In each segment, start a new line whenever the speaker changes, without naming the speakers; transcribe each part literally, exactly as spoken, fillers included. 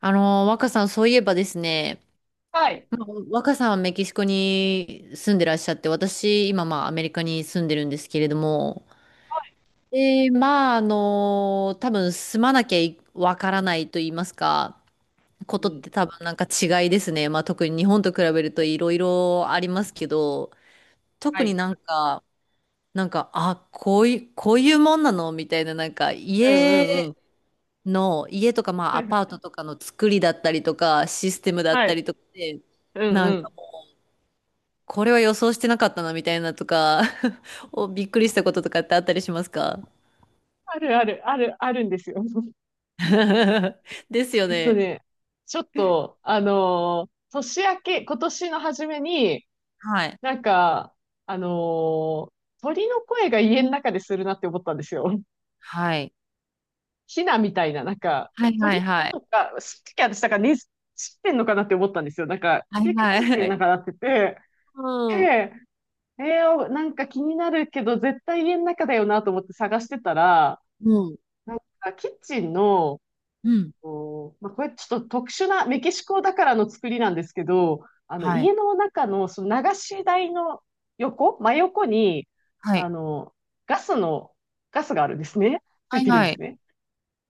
あの、若さん、そういえばですね、
はい。
まあ、若さんはメキシコに住んでらっしゃって、私、今、まあ、アメリカに住んでるんですけれども、で、まあ、あの、多分、住まなきゃいわからないと言いますか、こ
う
とっ
ん。
て多分、なんか違いですね。まあ、特に日本と比べるといろいろありますけど、
は
特に
い。
なんか、なんか、あ、こういう、こういうもんなのみたいな、なんか、
うんう
家
んうん。
の家とか、まあ、アパー トとかの作りだったりとか、システムだっ
は
た
い。
りとかで、
うん
な
う
んか、
ん。
これは予想してなかったな、みたいなとか お、びっくりしたこととかってあったりしますか？
あるある、ある、あるんですよ。
ですよ
えっと
ね。
ね、ちょっと、あのー年明け、今年の初めに、
はい。
なんか、あのー鳥の声が家の中でするなって思ったんですよ。
はい。
ヒナみたいな、なんか、
はいはい
鳥
はい。
とか、すっき私、だから、ね、知ってんのかなって思ったんですよ。なんか、
は
キ
い
ュキュキュって
は
なん
い。
かなってて、
うん。
で、えー、なんか気になるけど、絶対家の中だよなと思って探してたら、
うん。
なんかキッチンの、
うん。
こうまあ、これちょっと特殊なメキシコだからの作りなんですけど、あの
は
家
い。
の中のその流し台の横、真横に
は
あ
い。
のガスの、ガスがあるんですね。つ
は
い
い
てるんで
は
す
い。
ね。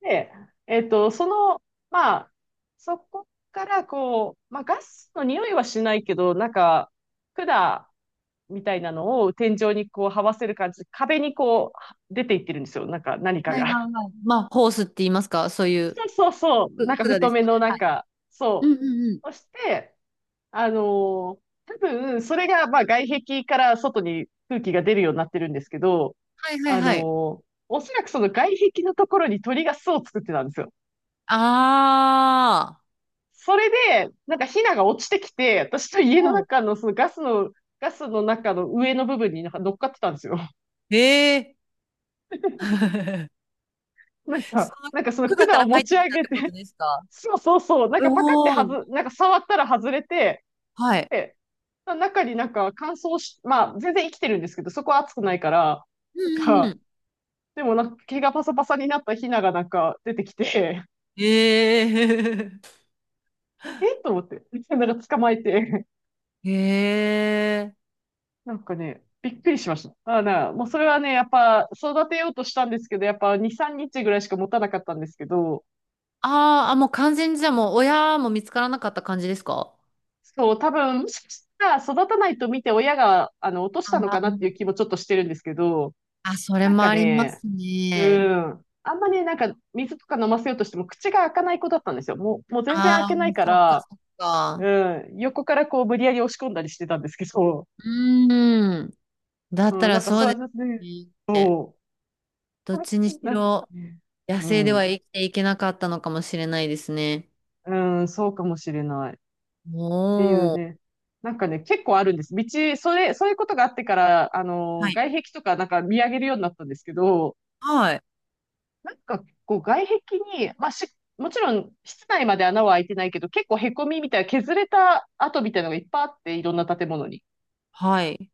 で、えっと、その、まあ、そこからこう、まあ、ガスの匂いはしないけど、なんか管みたいなのを天井にこう這わせる感じで、壁にこう出ていってるんですよ。なんか何か
はい
が。
はいはい。まあ、ホースって言いますかそういう、
そうそうそう。な
く、
んか
管で
太
す
め
かね。
のな
は
ん
い。
か、
うんう
そ
んうん。
う。そして、あのー多分、それが、まあ、外壁から外に空気が出るようになってるんですけど、
はいはい
あの
はい。
ーおそらくその外壁のところに鳥が巣を作ってたんですよ。
あ
それで、なんかヒナが落ちてきて、私と家
あ。
の
うん。
中のそのガスの、ガスの中の上の部分になんか乗っかってたんですよ。
ええ
なん
そ
か、
の
なんかその
管か
管を
ら
持
入っ
ち
てき
上
たっ
げ
てこ
て、
とですか？
そうそうそう、なんかパカって
お
はず、
ー
なんか触ったら外れて、
はい。
中になんか乾燥し、まあ全然生きてるんですけど、そこは暑くないから、
う
なん
んうんう
か、
ん。
でもなんか毛がパサパサになったヒナがなんか出てきて、
ええー
えっと思って、なんか捕まえて、
ええー
なんかね、びっくりしました。あーな、もうそれはね、やっぱ育てようとしたんですけど、やっぱに、さんにちぐらいしか持たなかったんですけど、
あーあ、もう完全にじゃあもう親も見つからなかった感じですか？
そう、多分、もしかしたら育たないと見て親が、あの、落とし
あ
たの
あ
かなっ
ー
ていう気もちょっとしてるんですけど、
あ、それ
なん
も
か
ありま
ね、
す
う
ね。
ん。あんまりなんか水とか飲ませようとしても口が開かない子だったんですよ。もう、もう全然開
ああ、
けないか
そっか
ら、
そっか。
うん。横からこう無理やり押し込んだりしてたんですけど、
うーん。だ った
うん。な
ら
んか
そう
そ
で
う
す
やってね、
ね。
そ
ど
う。
っちにし
なんか
ろ
ね、
野
う
生では
ん。
生きていけなかったのかもしれないですね。
うん、そうかもしれない。っていう
おー。
ね。なんかね、結構あるんです。道、それ、そういうことがあってから、あの、
はい。
外壁とかなんか見上げるようになったんですけど、
はい。
なんか、こう、外壁に、まあし、もちろん、室内まで穴は開いてないけど、結構凹みみたいな、削れた跡みたいなのがいっぱいあって、いろんな建物に。
はい。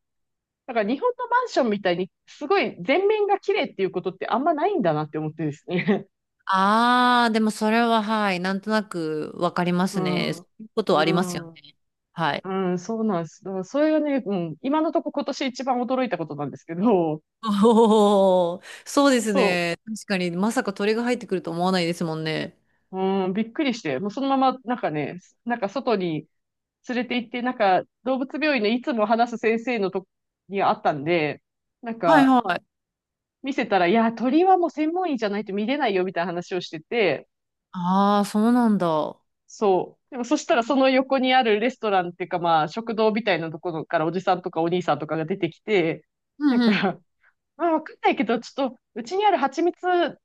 だから、日本のマンションみたいに、すごい全面が綺麗っていうことってあんまないんだなって思ってですね。
ああ、でもそれは、はい、なんとなくわかりま
う
すね。
ん。
そういうこと
う
はありますよ
ん。
ね。はい。
うん、そうなんです。だからそれがね、うん、今のとこ今年一番驚いたことなんですけど、
おお、そうです
そ
ね。確かに、まさか鳥が入ってくると思わないですもんね。
う。うん、びっくりして、もうそのまま、なんかね、なんか外に連れて行って、なんか、動物病院のいつも話す先生のとこにあったんで、なん
はい
か、
はい。
見せたら、いや、鳥はもう専門医じゃないと見れないよ、みたいな話をしてて、
ああ、そうなんだ。
そう。でもそしたらその横にあるレストランっていうかまあ食堂みたいなところからおじさんとかお兄さんとかが出てきて、
う
な
ん
ん
うん。
か、まあわかんないけど、ちょっとうちにある蜂蜜、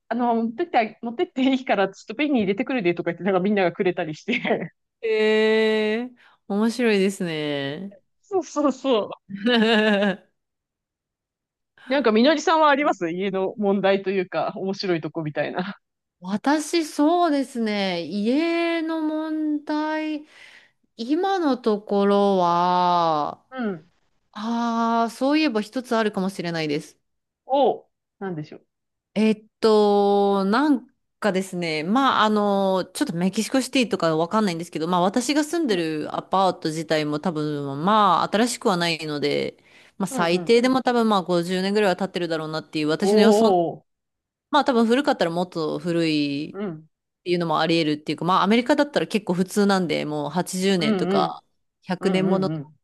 あの、持ってって、持ってっていいからちょっと瓶に入れてくるでとか言って、なんかみんながくれたりして。
へえ、面白いですね。
そうそうそう。なんかみのりさんはあります家の問題というか、面白いとこみたいな。
私、そうですね。家の問題、今のところは、
うん。
ああ、そういえば一つあるかもしれないです。
おう。なんでしょう。
えっと、なんかですね、まあ、あの、ちょっとメキシコシティとかわかんないんですけど、まあ、私が住ん
う
で
ん。
るアパート自体も多分、まあ、新しくはないので、まあ、
うんう
最
ん。
低でも多分、まあ、ごじゅうねんぐらいは経ってるだろうなっていう、私の予想、
おー。
まあ、多分古かったらもっと古いっ
うん。
ていうのもあり得るっていうか、まあ、アメリカだったら結構普通なんで、もう80
う
年と
んうん。
か
う
100
ん
年も
う
の、
んうん。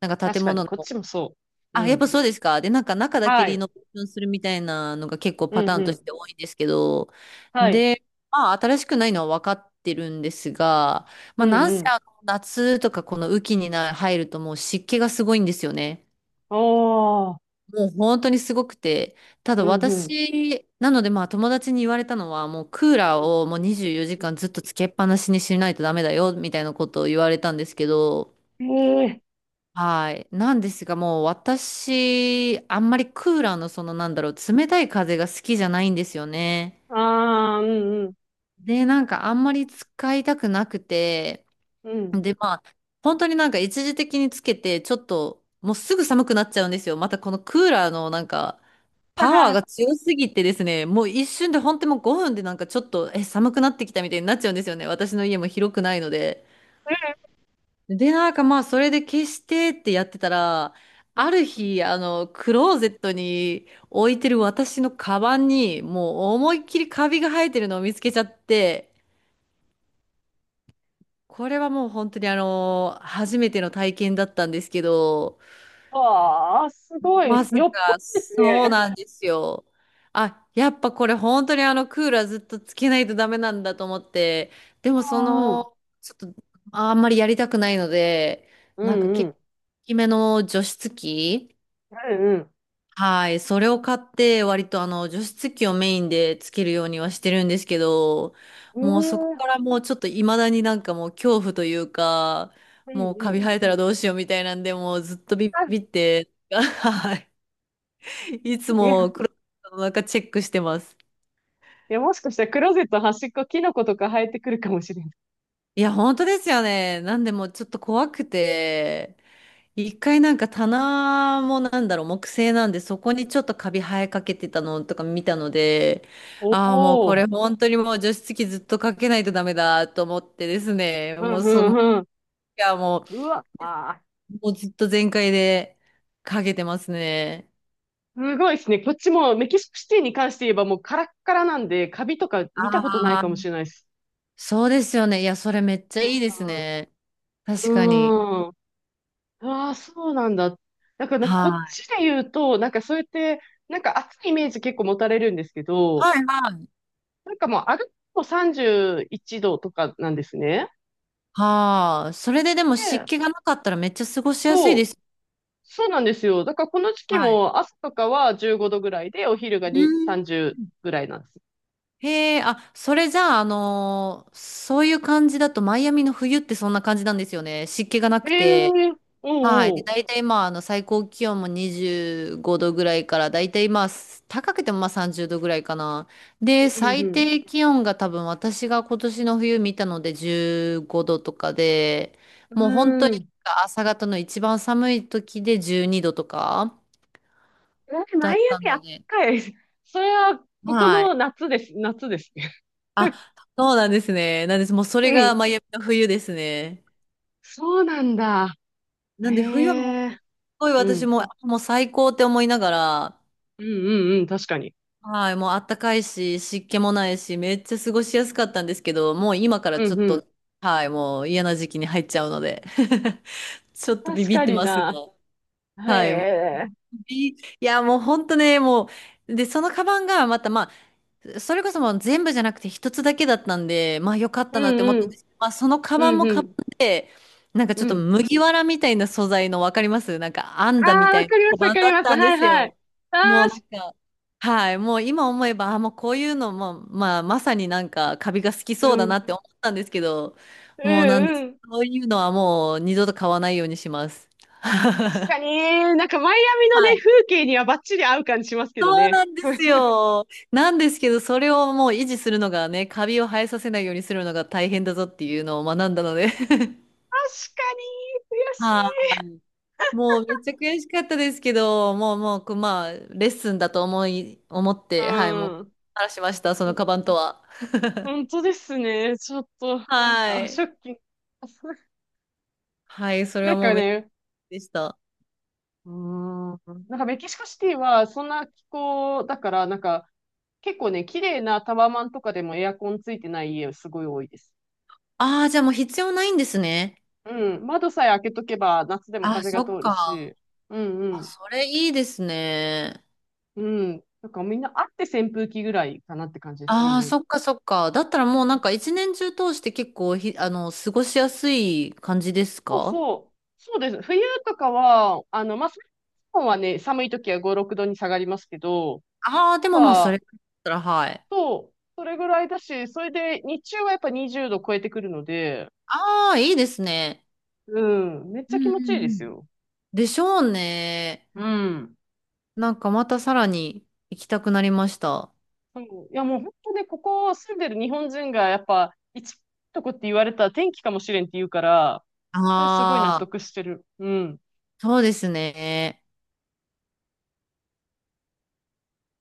なんか建
確かに、
物の
こっちもそう。う
あ、やっぱ
ん。
そうですか。で、なんか中だけ
は
リ
い。
ノベーションするみたいなのが結構
う
パタ
ん
ー
う
ンとし
ん。
て多いんですけど、
はい。
で、まあ新しくないのは分かってるんですが、ま
う
あな
ん
ん
う
せ
ん。
あの夏とかこの雨季にな入るともう湿気がすごいんですよね。
おー。
もう本当にすごくて。た
う
だ
んう
私、なのでまあ友達に言われたのはもうクーラーをもうにじゅうよじかんずっとつけっぱなしにしないとダメだよみたいなことを言われたんですけど、
ん。ええ
はい。なんですが、もう私、あんまりクーラーのそのなんだろう、冷たい風が好きじゃないんですよね。
ー。あー、うんうん。
で、なんかあんまり使いたくなくて、
うん。
で、まあ、本当になんか一時的につけて、ちょっと、もうすぐ寒くなっちゃうんですよ。またこのクーラーのなんか、パ
は
ワーが
は。
強すぎてですね、もう一瞬で本当にもうごふんでなんかちょっと、え、寒くなってきたみたいになっちゃうんですよね。私の家も広くないので。で、なんかまあ、それで消してってやってたら、
う
あ
ん
る日、あの、クローゼットに置いてる私のカバンに、もう思いっきりカビが生えてるのを見つけちゃって、これはもう本当にあの、初めての体験だったんですけど、
ああ、すごい。
まさ
よっぽど
か、
です
そう
ね。
なんですよ。あ、やっぱこれ本当にあのクーラーずっとつけないとダメなんだと思って、でも
う
そ
んうん。
の、ちょっとあんまりやりたくないので、
う
なんか
んう
結
ん。
構大きめの除湿機、
うんうん。
はい、それを買って割とあの除湿機をメインでつけるようにはしてるんですけど、
う
もうそこ
ん
からもうちょっと未だになんかもう恐怖というか、
うん
もう
う
カ
ん。
ビ生えたらどうしようみたいなんで、もうずっ とビ
あ、
ビって、はい。いつ
いや、い
もクローゼットの中チェックしてます。
や、もしかしたらクローゼット端っこ、キノコとか生えてくるかもしれない。
いや、本当ですよね。なんでもうちょっと怖くて、一回なんか棚もなんだろう、木製なんで、そこにちょっとカビ生えかけてたのとか見たので、
お
ああ、もうこ
お、
れ本当にもう除湿機ずっとかけないとダメだと思ってですね、
う
も
ん
う
う
その、
んうん。
いや、も
うわ、あ
う、もうずっと全開でかけてますね。
ー、すごいですね。こっちもメキシコシティに関して言えばもうカラッカラなんで、カビとか見たことない
あ
かもし
あ、
れないです。
そうですよね。いや、それめっちゃいいですね。
う
確かに。
ん。うーん。ああ、そうなんだ。だから、
は
こっ
い。
ちで言うと、なんかそうやって、なんか暑いイメージ結構持たれるんですけど、
はいはい。
なんかもう歩くとさんじゅういちどとかなんですね。
はあ、それででも湿
で、
気がなかったらめっちゃ過ごしやすいで
そう。
す。
そうなんですよ。だからこの時期
はい。
も朝とかはじゅうごどぐらいで、お昼が
う
に、
ん
さんじゅうぐらいなんですよ。
へえ、あ、それじゃあ、あのーそういう感じだと、マイアミの冬ってそんな感じなんですよね。湿気がな
え
く
え
て、
ー、
はい。
おう
で、
おう。
大体まあ、あの、最高気温もにじゅうごどぐらいから、大体まあ、高くてもまあさんじゅうどぐらいかな。
ん
で、
う
最
ん
低気温が多分私が今年の冬見たのでじゅうごどとかで、
う
もう本当
ん。
に
うーん。
朝方の一番寒い時でじゅうにどとか
えマ
だ
イア
った
ミあっ
ので、
たかい。それは、ここ
はい。
の夏です。夏ですね。
あ、そうなんですね。なんです。もうそれ
う
が
ん。
マイアミの冬ですね。
そうなんだ。
なんで冬はもうす
へえ。
ごい
う
私
ん。
も、もう最高って思いながら、
うんうんうん。確かに。
はい、もうあったかいし、湿気もないし、めっちゃ過ごしやすかったんですけど、もう今から
う
ち
ん
ょっ
うん。
と、はい、もう嫌な時期に入っちゃうので、ちょっとビ
確
ビっ
か
て
に
ます
な。
が、
へ
はい、もう、
え。
いいいや、もう本当ね、もう、で、そのカバンがまた、まあ、それこそもう全部じゃなくて一つだけだったんで、まあ良かっ
う
たなって思
ん
っ
う
たんで
ん。
すけど、まあそのカバ
う
ン
ん
も
う
カバン
ん。
で、なんかち
う
ょっと
ん。
麦わらみたいな素材のわかりますなんか編ん
あ
だみ
あ、
た
わ
いな
かりま
カ
すわ
バン
か
だ
り
っ
ます。
たんで
はい
す
はい。
よ。
あ
もう
あ、
な
し
んか、はい、もう今思えば、あ、もうこういうのも、まあまさになんかカビが好き
う
そうだな
ん。
って思ったんですけど、
う
もうなんです。
んうん。
そういうのはもう二度と買わないようにします。
確 かにね、なんかマイアミのね、
はい
風景にはバッチリ合う感じしますけど
そう
ね。
なんですよ。なんですけど、それをもう維持するのがね、カビを生えさせないようにするのが大変だぞっていうのを学んだので。
確かに、悔しい。
はい。もうめっちゃ悔しかったですけど、もうもう、まあ、レッスンだと思い、思って、はい、もう、話しました、そ
う
の
ん。
カバンとは。
本当ですね。ちょっと、
は
あ、ショ
い。
ッキング。
はい、それ
な
は
ん
も
か
うめっちゃ
ね、
でした。
うーん。なんかメキシコシティはそんな気候だから、なんか結構ね、綺麗なタワマンとかでもエアコンついてない家すごい多いです。
ああ、じゃあもう必要ないんですね。
うん。窓さえ開けとけば夏でも
あ、
風
そ
が
っ
通る
か。
し。うんう
あ、
ん。
それいいですね。
うん。なんかみんなあって扇風機ぐらいかなって感じですね、
ああ、
家に。
そっかそっか。だったらもうなんか一年中通して結構ひ、あの、過ごしやすい感じです
そう
か？
そう。そうです。冬とかは、あの、まあ、日本はね、寒い時はご、ろくどに下がりますけど、
ああー、で
や
も
っ
まあそ
ぱ、
れだったら、はい。
そう、それぐらいだし、それで日中はやっぱにじゅうど超えてくるので、
ああ、いいですね。
うん、めっ
う
ちゃ
ん
気
う
持ちいい
ん
で
う
す
ん。
よ。
でしょうね。
うん。
なんかまたさらに行きたくなりました。
そういや、もう本当ね、ここ住んでる日本人がやっぱ、一番いいとこって言われたら天気かもしれんって言うから、それすごい納
ああ、
得してる。うん。
そうですね。